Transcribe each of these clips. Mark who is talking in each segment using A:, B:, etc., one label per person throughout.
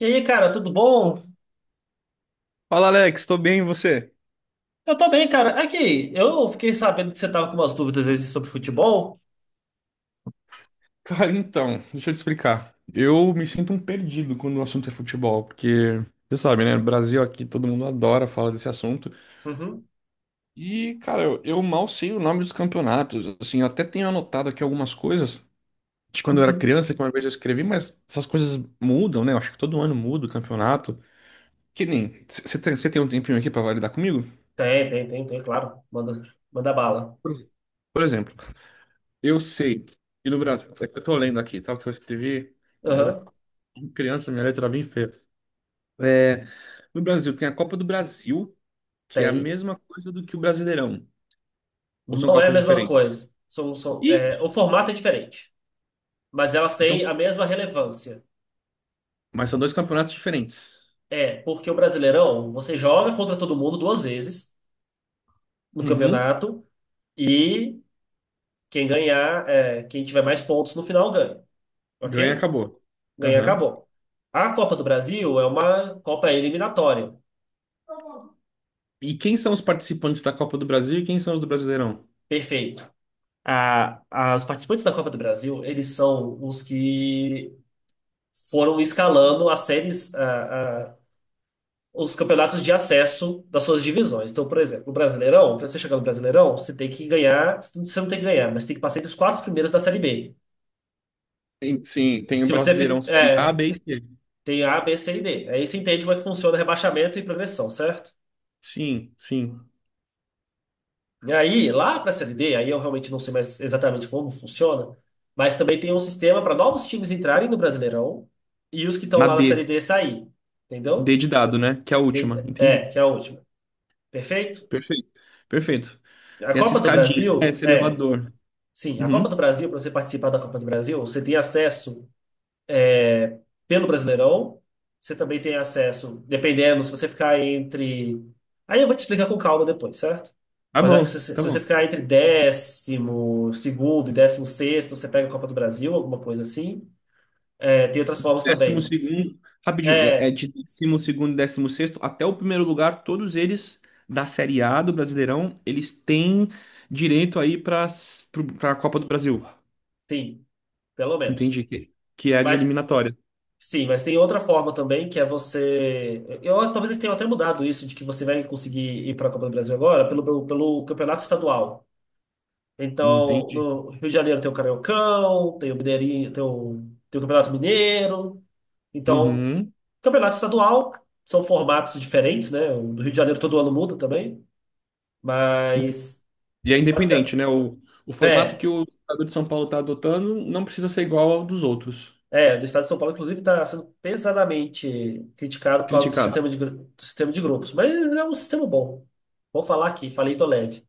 A: E aí, cara, tudo bom?
B: Fala, Alex, tô bem, e você?
A: Eu tô bem, cara. Aqui, eu fiquei sabendo que você tava com umas dúvidas aí sobre futebol.
B: Cara, então, deixa eu te explicar. Eu me sinto um perdido quando o assunto é futebol, porque você sabe, né? No Brasil aqui todo mundo adora falar desse assunto.
A: Uhum.
B: E, cara, eu mal sei o nome dos campeonatos. Assim, eu até tenho anotado aqui algumas coisas de quando eu era criança, que uma vez eu escrevi, mas essas coisas mudam, né? Eu acho que todo ano muda o campeonato. Que nem. Cê tem um tempinho aqui pra validar comigo?
A: Tem, tem, tem, tem, claro. Manda bala.
B: Por por exemplo. Eu sei. E no Brasil, é que eu tô lendo aqui, tá? O que eu escrevi quando eu era
A: Aham,
B: criança, minha letra era bem feia. É, no Brasil tem a Copa do Brasil, que é a
A: tem.
B: mesma coisa do que o Brasileirão. Ou são
A: Não é a
B: copas
A: mesma
B: diferentes?
A: coisa.
B: Ih!
A: O formato é diferente, mas elas
B: Então,
A: têm a mesma relevância.
B: mas são dois campeonatos diferentes.
A: É, porque o Brasileirão, você joga contra todo mundo duas vezes no
B: Uhum.
A: campeonato e quem tiver mais pontos no final ganha,
B: Ganha,
A: ok?
B: acabou.
A: Ganhar,
B: Aham.
A: acabou. A Copa do Brasil é uma Copa eliminatória.
B: E quem são os participantes da Copa do Brasil e quem são os do Brasileirão?
A: Perfeito. Os participantes da Copa do Brasil, eles são os que foram escalando as séries, os campeonatos de acesso das suas divisões. Então, por exemplo, o Brasileirão, para você chegar no Brasileirão, você tem que ganhar, você não tem que ganhar, mas tem que passar entre os quatro primeiros da Série B.
B: Sim, tem o
A: Se você fi-
B: Brasileirão Série A,
A: É,
B: B e C.
A: tem A, B, C e D. Aí você entende como é que funciona rebaixamento e progressão, certo?
B: Sim, sim.
A: E aí, lá para a Série D, aí eu realmente não sei mais exatamente como funciona, mas também tem um sistema para novos times entrarem no Brasileirão e os que estão
B: Na
A: lá
B: D.
A: na Série D sair.
B: D
A: Entendeu?
B: de dado, né? Que é a última. Entendi.
A: É, que é a última. Perfeito?
B: Perfeito. Perfeito.
A: A
B: Tem essa
A: Copa do
B: escadinha, né,
A: Brasil,
B: esse
A: é.
B: elevador.
A: Sim, a Copa do
B: Uhum.
A: Brasil, para você participar da Copa do Brasil, você tem acesso pelo Brasileirão. Você também tem acesso, dependendo, se você ficar entre. Aí eu vou te explicar com calma depois, certo?
B: Tá
A: Mas eu acho que
B: bom,
A: se
B: tá
A: você
B: bom.
A: ficar entre 12º e 16º, você pega a Copa do Brasil, alguma coisa assim. É, tem outras
B: De
A: formas
B: décimo
A: também.
B: segundo, rapidinho, é
A: É,
B: de 12º e 16º até o primeiro lugar, todos eles da Série A do Brasileirão, eles têm direito aí para a Copa do Brasil.
A: sim, pelo menos.
B: Entendi. Que é a de
A: Mas
B: eliminatória.
A: sim, mas tem outra forma também, que é você. Eu talvez eles tenham até mudado isso, de que você vai conseguir ir para a Copa do Brasil agora pelo campeonato estadual. Então,
B: Entendi.
A: no Rio de Janeiro tem o Cariocão, tem o Mineirinho, tem o Campeonato Mineiro. Então,
B: Uhum.
A: campeonato estadual são formatos diferentes, né? O do Rio de Janeiro todo ano muda também,
B: Ente-
A: mas,
B: E é
A: basicamente
B: independente, né? O formato
A: é,
B: que o estado de São Paulo está adotando não precisa ser igual ao dos outros.
A: do estado de São Paulo inclusive está sendo pesadamente criticado por causa do
B: Criticado.
A: sistema de grupos, mas é um sistema bom. Vou falar aqui, falei tô leve.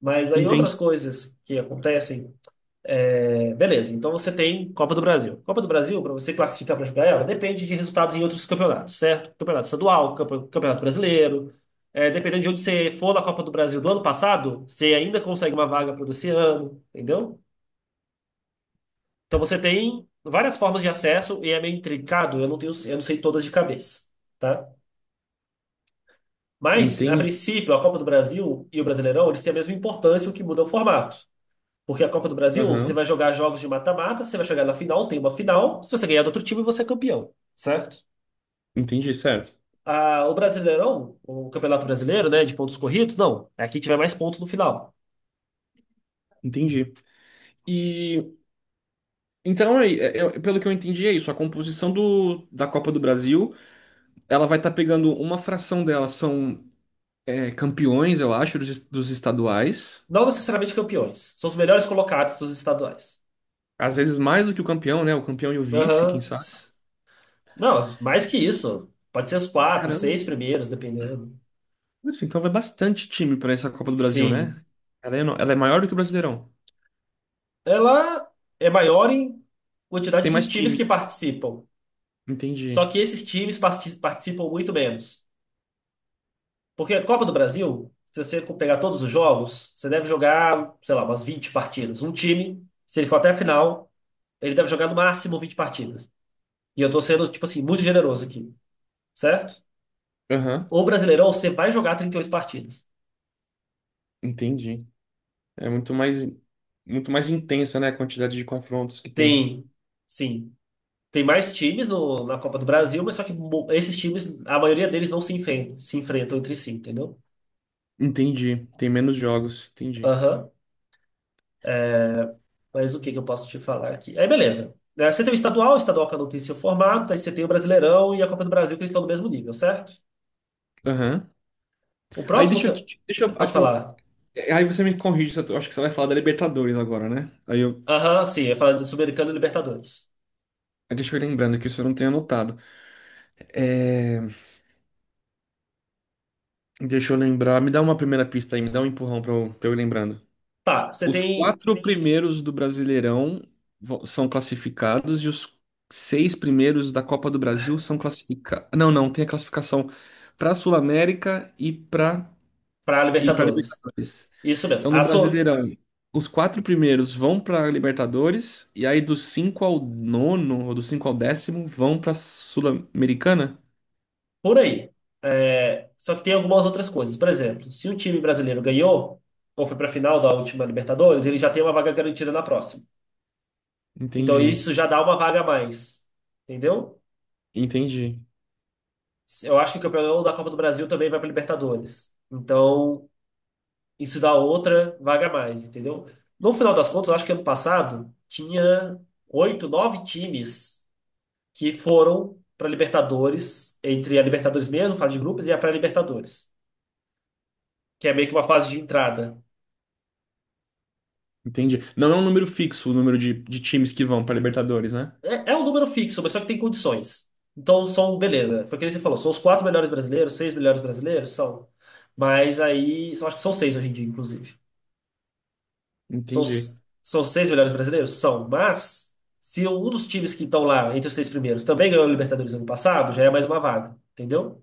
A: Mas aí outras
B: Entendi.
A: coisas que acontecem. É, beleza, então você tem Copa do Brasil. Copa do Brasil, para você classificar para jogar ela, depende de resultados em outros campeonatos, certo? Campeonato estadual, campeonato brasileiro. É, dependendo de onde você for na Copa do Brasil do ano passado, você ainda consegue uma vaga para esse ano, entendeu? Então você tem várias formas de acesso e é meio intricado, eu não sei todas de cabeça, tá? Mas, a
B: Entendi.
A: princípio, a Copa do Brasil e o Brasileirão, eles têm a mesma importância, o que muda é o formato. Porque a Copa do Brasil, você
B: Aham,
A: vai jogar jogos de mata-mata, você vai chegar na final, tem uma final. Se você ganhar do outro time, você é campeão, certo?
B: entendi, certo.
A: Ah, o Brasileirão, o Campeonato Brasileiro, né, de pontos corridos, não. É quem tiver mais pontos no final.
B: Entendi. E então, aí, pelo que eu entendi, é isso. A composição do, da Copa do Brasil, ela vai estar pegando uma fração dela, são campeões, eu acho, dos, dos estaduais.
A: Não necessariamente campeões. São os melhores colocados dos estaduais.
B: Às vezes mais do que o campeão, né? O campeão e o vice, quem
A: Aham.
B: sabe.
A: Não, mais que
B: E,
A: isso. Pode ser os quatro,
B: caramba,
A: seis primeiros, dependendo.
B: isso, então vai bastante time para essa Copa do Brasil, né?
A: Sim.
B: Ela é maior do que o Brasileirão.
A: Ela é maior em quantidade
B: Tem
A: de
B: mais
A: times que
B: times.
A: participam.
B: Entendi.
A: Só que esses times participam muito menos. Porque a Copa do Brasil, se você pegar todos os jogos, você deve jogar, sei lá, umas 20 partidas. Um time, se ele for até a final, ele deve jogar no máximo 20 partidas. E eu tô sendo, tipo assim, muito generoso aqui, certo?
B: Aham,
A: O Brasileirão, você vai jogar 38 partidas.
B: entendi. É muito mais intensa, né, a quantidade de confrontos que tem.
A: Tem, sim, tem mais times na Copa do Brasil, mas só que esses times, a maioria deles não se enfrentam, se enfrentam entre si, entendeu?
B: Entendi. Tem menos jogos. Entendi.
A: Aham. Mas o que que eu posso te falar aqui? Aí, beleza. Né, você tem o estadual que eu não tem seu formato, aí você tem o Brasileirão e a Copa do Brasil, que eles estão no mesmo nível, certo?
B: Aham.
A: O
B: Aí
A: próximo
B: deixa
A: que.
B: eu. Te- Deixa eu
A: Pode falar.
B: Aí você me corrige, se eu tô- acho que você vai falar da Libertadores agora, né? Aí eu.
A: Aham, sim, eu ia falar do Sul-Americano e Libertadores.
B: Aí Deixa eu ir lembrando que isso eu não tenho anotado. É, deixa eu lembrar. Me dá uma primeira pista aí, me dá um empurrão pra eu ir lembrando.
A: Tá, você
B: Os
A: tem
B: quatro primeiros do Brasileirão são classificados e os seis primeiros da Copa do Brasil são classificados. Não, não, tem a classificação pra Sul-América e pra
A: para
B: e para
A: Libertadores.
B: Libertadores.
A: Isso mesmo.
B: Então, no Brasileirão, os quatro primeiros vão para Libertadores, e aí do 5 ao nono, ou do 5 ao décimo, vão para Sul-Americana?
A: Por aí. É, só que tem algumas outras coisas. Por exemplo, se um time brasileiro ganhou, ou foi para a final da última Libertadores, ele já tem uma vaga garantida na próxima. Então
B: Entendi,
A: isso já dá uma vaga a mais. Entendeu?
B: entendi,
A: Eu acho que o campeão da Copa do Brasil também vai para Libertadores. Então, isso dá outra vaga a mais, entendeu? No final das contas, eu acho que ano passado tinha oito, nove times que foram para Libertadores, entre a Libertadores mesmo, fase de grupos, e a pré-Libertadores, que é meio que uma fase de entrada.
B: entendi. Não é um número fixo o número de times que vão para Libertadores, né?
A: É, é um número fixo, mas só que tem condições. Então, beleza, foi o que você falou, são os quatro melhores brasileiros, seis melhores brasileiros, são. Mas aí, eu acho que são seis hoje em dia, inclusive. São,
B: Entendi.
A: s- são seis melhores brasileiros? São, mas se um dos times que estão lá entre os seis primeiros também ganhou a Libertadores ano passado, já é mais uma vaga, entendeu?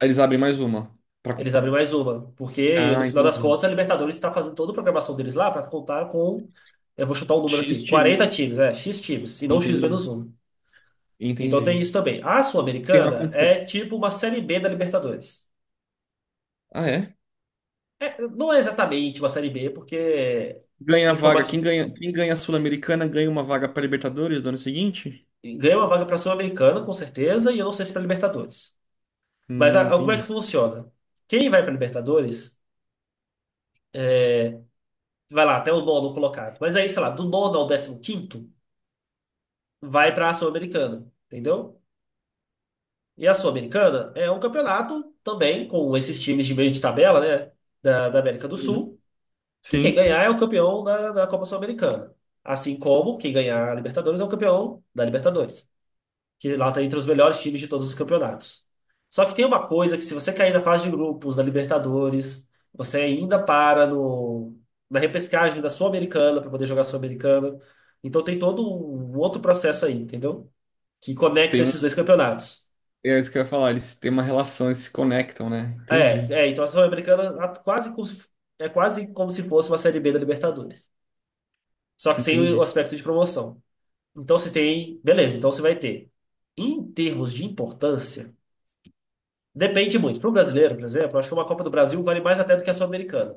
B: Aí eles abrem mais uma.
A: Eles abrem mais uma, porque no
B: Ah,
A: final das
B: entendi.
A: contas a Libertadores está fazendo toda a programação deles lá para contar com, eu vou chutar um número
B: X
A: aqui, 40
B: times.
A: times, X times, e não X menos
B: Entendi,
A: um. Então tem
B: entendi.
A: isso também. A
B: Tem uma
A: Sul-Americana
B: compen-
A: é tipo uma Série B da Libertadores.
B: Ah, é?
A: É, não é exatamente uma Série B, porque
B: Ganha a
A: em
B: vaga. Quem
A: formato,
B: ganha, quem ganha a Sul-Americana ganha uma vaga para Libertadores do ano seguinte?
A: ganha uma vaga para a Sul-Americana, com certeza, e eu não sei se para Libertadores. Mas como é que
B: Entendi.
A: funciona? Quem vai para Libertadores, é, vai lá até o nono colocado. Mas aí, sei lá, do nono ao 15º, vai para a Sul-Americana, entendeu? E a Sul-Americana é um campeonato também com esses times de meio de tabela, né, da América do
B: Uhum.
A: Sul, que quem
B: Sim.
A: ganhar é o campeão da Copa Sul-Americana. Assim como quem ganhar a Libertadores é o campeão da Libertadores. Que lá está entre os melhores times de todos os campeonatos. Só que tem uma coisa que se você cair na fase de grupos da Libertadores, você ainda para no, na repescagem da Sul-Americana para poder jogar a Sul-Americana. Então tem todo um outro processo aí, entendeu? Que conecta
B: Tem
A: esses dois
B: um,
A: campeonatos.
B: é isso que eu ia falar, eles têm uma relação, eles se conectam, né?
A: É,
B: Entendi,
A: é, então a Sul-Americana a- quase como se- é quase como se fosse uma Série B da Libertadores. Só que sem o
B: entendi.
A: aspecto de promoção. Então você tem, beleza, então você vai ter. Em termos de importância, depende muito. Para o brasileiro, por exemplo, eu acho que uma Copa do Brasil vale mais até do que a Sul-Americana.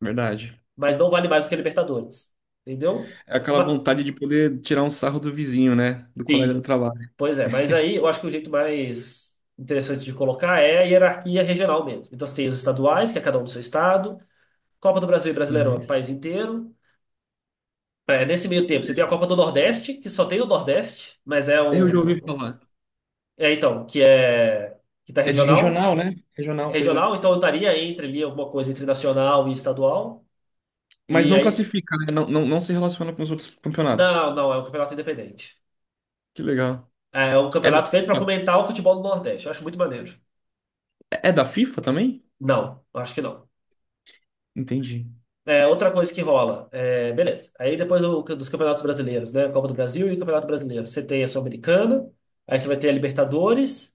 B: Verdade.
A: Mas não vale mais do que a Libertadores. Entendeu?
B: É aquela
A: Ma-
B: vontade de poder tirar um sarro do vizinho, né? Do colega do
A: sim,
B: trabalho.
A: pois é. Mas aí eu acho que o jeito mais interessante de colocar é a hierarquia regional mesmo. Então você tem os estaduais, que é cada um do seu estado. Copa do Brasil e Brasileirão
B: Uhum.
A: é o país inteiro. É, nesse meio tempo você tem a Copa do Nordeste, que só tem o Nordeste, mas é
B: Eu já ouvi
A: um.
B: falar.
A: É, então, que é. Que tá
B: É de
A: regional.
B: regional, né? Regional, pois é.
A: Regional, então eu estaria entre ali alguma coisa entre nacional e estadual.
B: Mas
A: E
B: não
A: aí.
B: classifica, né? Não, não, não se relaciona com os outros campeonatos.
A: Não, não, é um campeonato independente.
B: Que legal.
A: É, um
B: É da
A: campeonato feito para
B: FIFA?
A: fomentar o futebol do Nordeste. Eu acho muito maneiro.
B: É da FIFA também?
A: Não, eu acho que não.
B: Entendi.
A: É, outra coisa que rola, beleza. Aí depois dos campeonatos brasileiros, né? Copa do Brasil e o Campeonato Brasileiro. Você tem a Sul-Americana, aí você vai ter a Libertadores,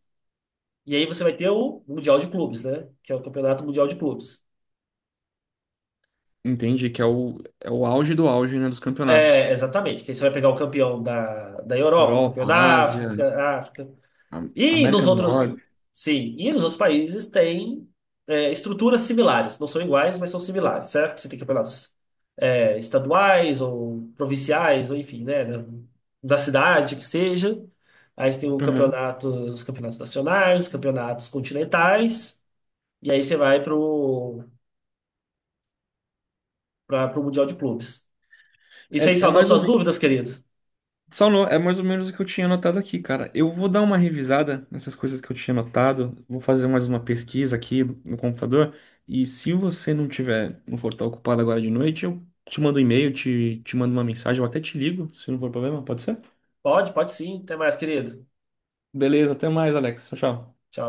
A: e aí você vai ter o Mundial de Clubes, né? Que é o Campeonato Mundial de Clubes.
B: Entendi, que é o, é o auge do auge, né? Dos
A: É,
B: campeonatos.
A: exatamente. Que aí você vai pegar o campeão da Europa, o campeão
B: Europa,
A: da
B: Ásia,
A: África, África. E nos
B: América do
A: outros,
B: Norte.
A: sim, e nos outros países tem estruturas similares, não são iguais, mas são similares, certo? Você tem campeonatos estaduais ou provinciais, ou enfim, né, da cidade que seja. Aí você tem os campeonatos nacionais, os campeonatos continentais, e aí você vai pro Mundial de Clubes.
B: É,
A: Isso aí
B: é
A: saldou
B: mais ou
A: suas
B: menos.
A: dúvidas, querido?
B: Só no- é mais ou menos o que eu tinha anotado aqui, cara. Eu vou dar uma revisada nessas coisas que eu tinha anotado. Vou fazer mais uma pesquisa aqui no computador. E se você não tiver, não for estar ocupado agora de noite, eu te mando um e-mail, te mando uma mensagem, eu até te ligo, se não for problema, pode ser?
A: Pode, pode sim. Até mais, querido.
B: Beleza, até mais, Alex. Tchau, tchau.
A: Tchau.